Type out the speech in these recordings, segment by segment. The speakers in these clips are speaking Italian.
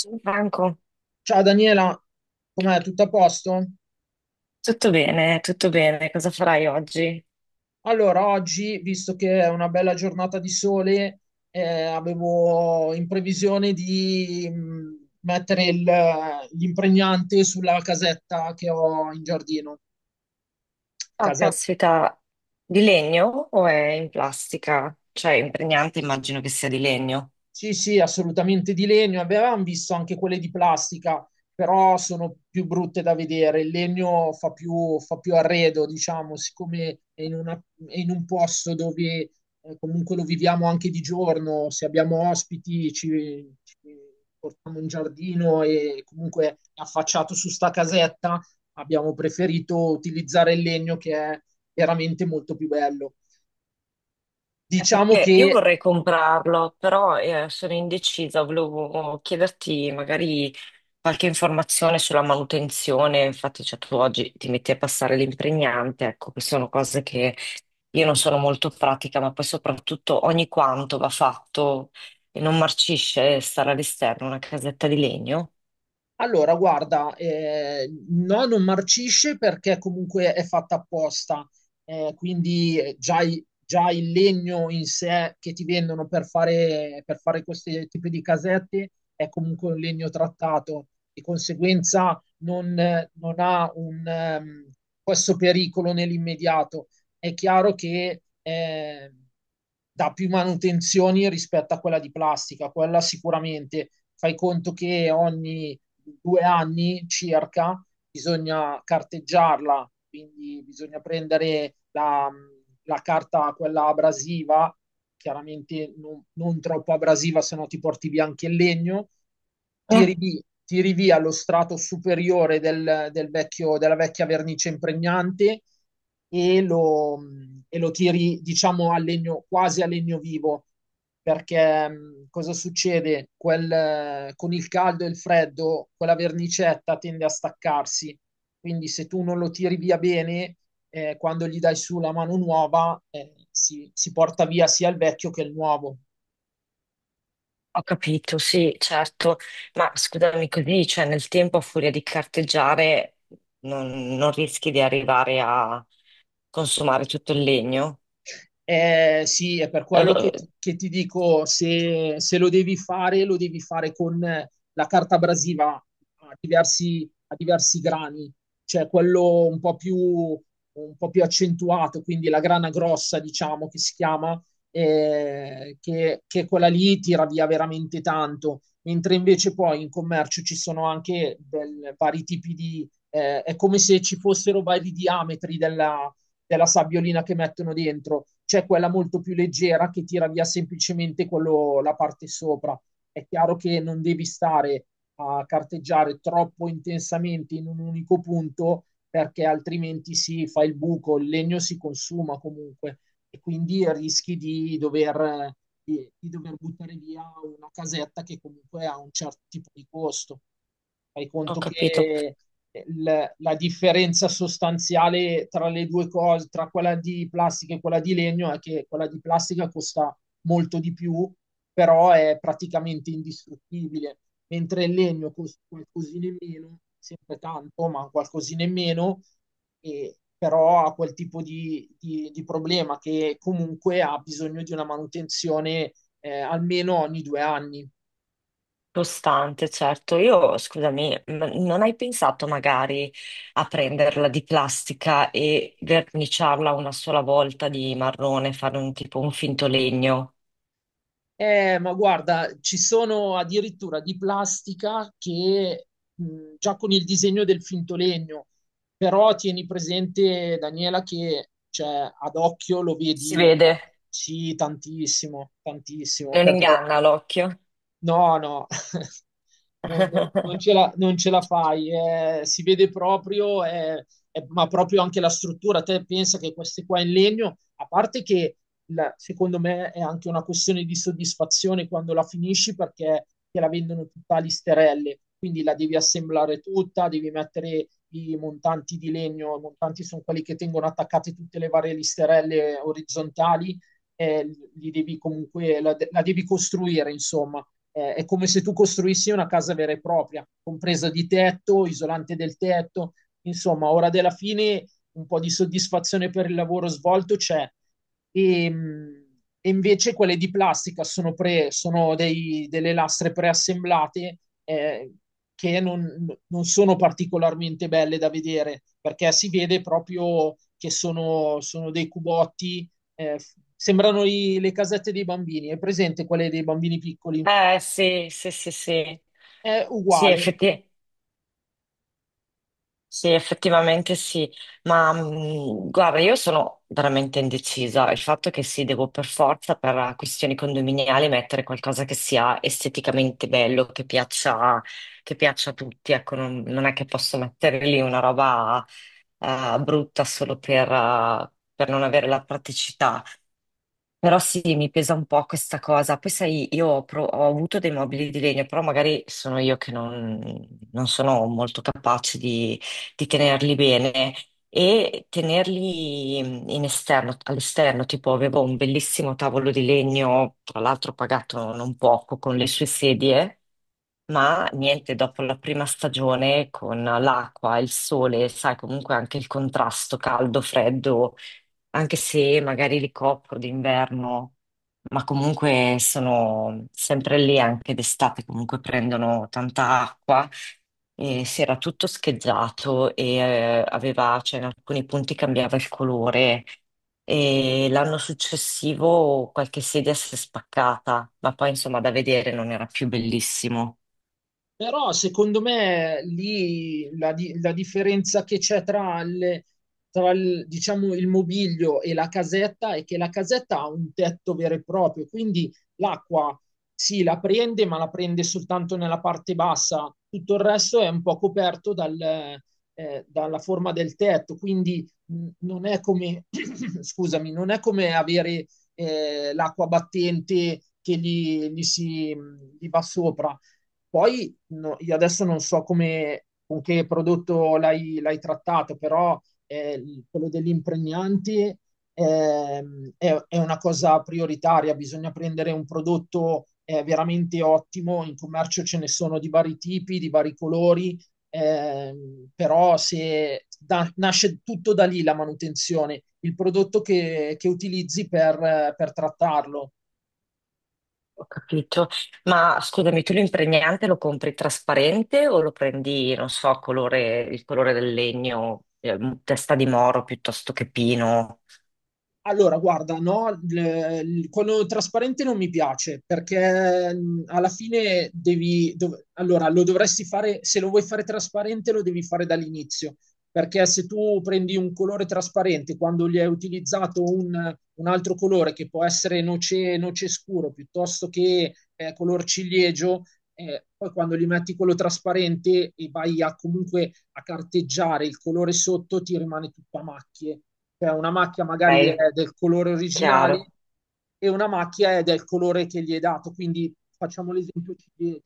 Ciao Franco, Ciao Daniela, com'è? Tutto a posto? tutto bene, tutto bene. Cosa farai oggi? Allora, oggi, visto che è una bella giornata di sole, avevo in previsione di mettere l'impregnante sulla casetta che ho in giardino. Ah, Casetta caspita, di legno o è in plastica? Cioè, impregnante immagino che sia di legno. sì, sì, assolutamente di legno. Avevamo visto anche quelle di plastica, però sono più brutte da vedere. Il legno fa più arredo, diciamo, siccome è in un posto dove comunque lo viviamo anche di giorno. Se abbiamo ospiti, ci portiamo in giardino e comunque è affacciato su sta casetta, abbiamo preferito utilizzare il legno che è veramente molto più bello. Diciamo Perché io che vorrei comprarlo, però sono indecisa, volevo chiederti magari qualche informazione sulla manutenzione. Infatti, cioè, tu oggi ti metti a passare l'impregnante, ecco, che sono cose che. Io non sono molto pratica, ma poi soprattutto ogni quanto va fatto e non marcisce stare all'esterno, una casetta di legno. allora, guarda, no, non marcisce perché comunque è fatta apposta, quindi già, già il legno in sé che ti vendono per fare questi tipi di casette è comunque un legno trattato, di conseguenza non, non ha un, questo pericolo nell'immediato. È chiaro che dà più manutenzioni rispetto a quella di plastica, quella sicuramente. Fai conto che ogni due anni circa, bisogna carteggiarla, quindi bisogna prendere la, la carta, quella abrasiva, chiaramente non, non troppo abrasiva, se no ti porti via anche il legno, Eh, tiri via lo strato superiore del, del vecchio, della vecchia vernice impregnante e lo, e lo tiri, diciamo, a legno, quasi a legno vivo perché cosa succede? Quel, con il caldo e il freddo, quella vernicetta tende a staccarsi, quindi se tu non lo tiri via bene, quando gli dai su la mano nuova, si, si porta via sia il vecchio che il nuovo. Ho capito, sì, certo, ma scusami così, cioè nel tempo a furia di carteggiare non rischi di arrivare a consumare tutto il legno. Sì, è per quello Eh, che ti dico, se, se lo devi fare, lo devi fare con la carta abrasiva a diversi grani, cioè quello un po' più accentuato, quindi la grana grossa, diciamo, che si chiama, che quella lì tira via veramente tanto, mentre invece poi in commercio ci sono anche vari tipi di, è come se ci fossero vari diametri della della sabbiolina che mettono dentro, c'è quella molto più leggera che tira via semplicemente quello, la parte sopra. È chiaro che non devi stare a carteggiare troppo intensamente in un unico punto perché altrimenti si fa il buco, il legno si consuma comunque e quindi rischi di dover, di dover buttare via una casetta che comunque ha un certo tipo di costo. Fai ho conto capito. che la differenza sostanziale tra le due cose, tra quella di plastica e quella di legno, è che quella di plastica costa molto di più, però è praticamente indistruttibile, mentre il legno costa qualcosina in meno, sempre tanto, ma qualcosina in meno, e però ha quel tipo di, di problema che comunque ha bisogno di una manutenzione almeno ogni due anni. Costante, certo. Io, scusami, non hai pensato magari a prenderla di plastica e verniciarla una sola volta di marrone, fare un tipo un finto legno? Ma guarda, ci sono addirittura di plastica che già con il disegno del finto legno, però tieni presente, Daniela, che cioè, ad occhio lo Si vedi, vede. ah, sì, tantissimo, tantissimo, Non perché inganna l'occhio. no, no, non, non ce la fai, si vede proprio, ma proprio anche la struttura. Te pensa che queste qua in legno, a parte che secondo me è anche una questione di soddisfazione quando la finisci perché te la vendono tutta a listerelle, quindi la devi assemblare tutta, devi mettere i montanti di legno, i montanti sono quelli che tengono attaccate tutte le varie listerelle orizzontali, eh, li devi comunque, la devi costruire, insomma è come se tu costruissi una casa vera e propria, compresa di tetto, isolante del tetto. Insomma, ora della fine un po' di soddisfazione per il lavoro svolto c'è. E, mh, e invece quelle di plastica sono, sono dei, delle lastre preassemblate eh, che non, non sono particolarmente belle da vedere perché si vede proprio che sono, sono dei cubotti, eh, sembrano le casette dei bambini. È presente quelle dei bambini piccoli? Eh sì, sì, sì, sì. È Sì, uguale effetti. Sì, effettivamente sì, ma guarda, io sono veramente indecisa. Il fatto che sì, devo per forza, per questioni condominiali, mettere qualcosa che sia esteticamente bello, che piaccia a tutti. Ecco, non è che posso mettere lì una roba brutta solo per non avere la praticità. Però sì, mi pesa un po' questa cosa. Poi sai, ho avuto dei mobili di legno, però magari sono io che non sono molto capace di tenerli bene e tenerli mhmm, in esterno, all'esterno, tipo avevo un bellissimo tavolo di legno, tra l'altro pagato non poco con le sue sedie, ma niente, dopo la prima stagione con l'acqua, il sole, sai, comunque anche il contrasto caldo-freddo anche se magari li copro d'inverno, ma comunque sono sempre lì anche d'estate, comunque prendono tanta acqua e si era tutto scheggiato e cioè in alcuni punti cambiava il colore. E l'anno successivo qualche sedia si è spaccata, ma poi insomma da vedere non era più bellissimo. però secondo me lì la, la differenza che c'è tra, tra il, diciamo, il mobilio e la casetta è che la casetta ha un tetto vero e proprio, quindi l'acqua sì, la prende, ma la prende soltanto nella parte bassa, tutto il resto è un po' coperto dal, dalla forma del tetto, quindi non è come, scusami, non è come avere l'acqua battente che gli si, gli va sopra. Poi no, io adesso non so come, con che prodotto l'hai, l'hai trattato, però quello degli impregnanti è una cosa prioritaria, bisogna prendere un prodotto veramente ottimo, in commercio ce ne sono di vari tipi, di vari colori, però se nasce tutto da lì la manutenzione, il prodotto che utilizzi per trattarlo. Ho capito. Ma scusami, tu l'impregnante lo compri trasparente o lo prendi, non so, colore, il colore del legno, testa di moro piuttosto che pino? Allora, guarda, no, quello trasparente non mi piace perché alla fine devi, allora, lo dovresti fare, se lo vuoi fare trasparente lo devi fare dall'inizio, perché se tu prendi un colore trasparente quando gli hai utilizzato un altro colore che può essere noce, noce scuro piuttosto che color ciliegio, poi quando gli metti quello trasparente e vai a comunque a carteggiare il colore sotto ti rimane tutto a macchie cioè una macchia magari è Ok, del colore originale chiaro. e una macchia è del colore che gli è dato. Quindi facciamo l'esempio ciliegia.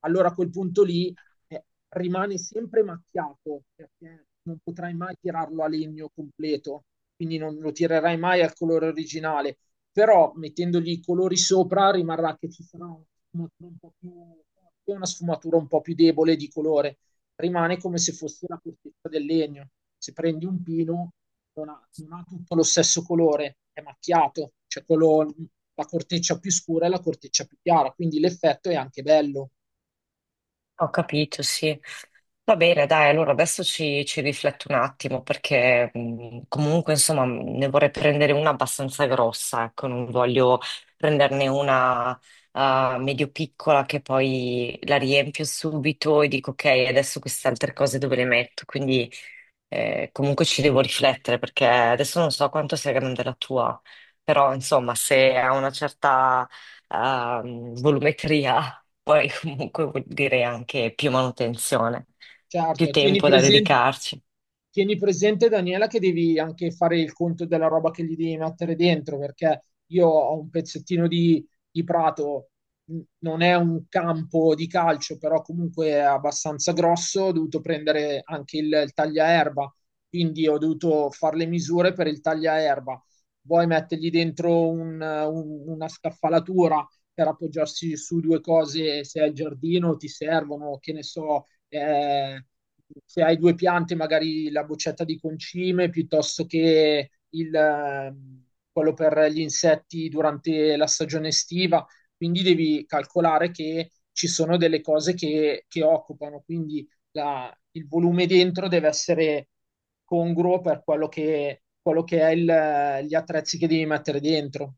Allora a quel punto lì eh, rimane sempre macchiato perché non potrai mai tirarlo a legno completo, quindi non lo tirerai mai al colore originale. Però mettendogli i colori sopra rimarrà che ci sarà una sfumatura un po' più, una sfumatura un po' più debole di colore rimane come se fosse la corteccia del legno. Se prendi un pino, non ha, non ha tutto lo stesso colore, è macchiato, cioè quello, la corteccia più scura e la corteccia più chiara, quindi l'effetto è anche bello. Ho capito, sì. Va bene, dai, allora adesso ci rifletto un attimo perché comunque, insomma, ne vorrei prendere una abbastanza grossa, ecco, non voglio prenderne una medio piccola che poi la riempio subito e dico ok, adesso queste altre cose dove le metto? Quindi comunque ci devo riflettere perché adesso non so quanto sia grande la tua, però insomma, se ha una certa volumetria, poi comunque vuol dire anche più manutenzione, più Certo, tempo da dedicarci. tieni presente, Daniela, che devi anche fare il conto della roba che gli devi mettere dentro, perché io ho un pezzettino di prato, non è un campo di calcio, però comunque è abbastanza grosso, ho dovuto prendere anche il tagliaerba, quindi ho dovuto fare le misure per il tagliaerba. Vuoi mettergli dentro una scaffalatura per appoggiarsi su due cose, se è il giardino ti servono, che ne so, eh, se hai due piante, magari la boccetta di concime piuttosto che il, quello per gli insetti durante la stagione estiva. Quindi devi calcolare che ci sono delle cose che occupano, quindi il volume dentro deve essere congruo per quello che è gli attrezzi che devi mettere dentro.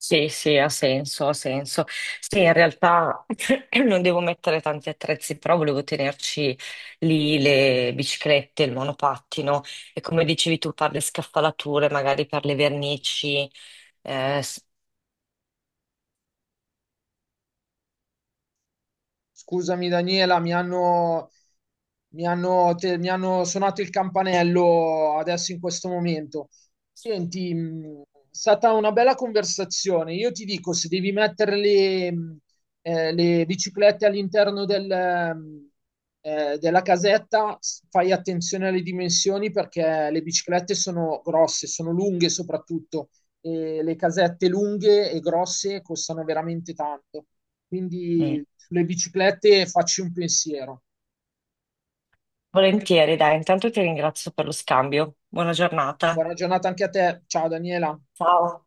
Sì, sì, ha senso, ha senso. Sì, in realtà non devo mettere tanti attrezzi, però volevo tenerci lì le biciclette, il monopattino e come dicevi tu per le scaffalature, magari per le vernici. eh, Scusami Daniela, mi hanno suonato il campanello adesso in questo momento. Senti, è stata una bella conversazione. Io ti dico, se devi mettere le biciclette all'interno del, della casetta, fai attenzione alle dimensioni perché le biciclette sono grosse, sono lunghe soprattutto, e le casette lunghe e grosse costano veramente tanto. Quindi Mm. sulle biciclette e facci un pensiero. Volentieri, dai, intanto ti ringrazio per lo scambio. Buona giornata. Buona giornata anche a te. Ciao Daniela. Ciao.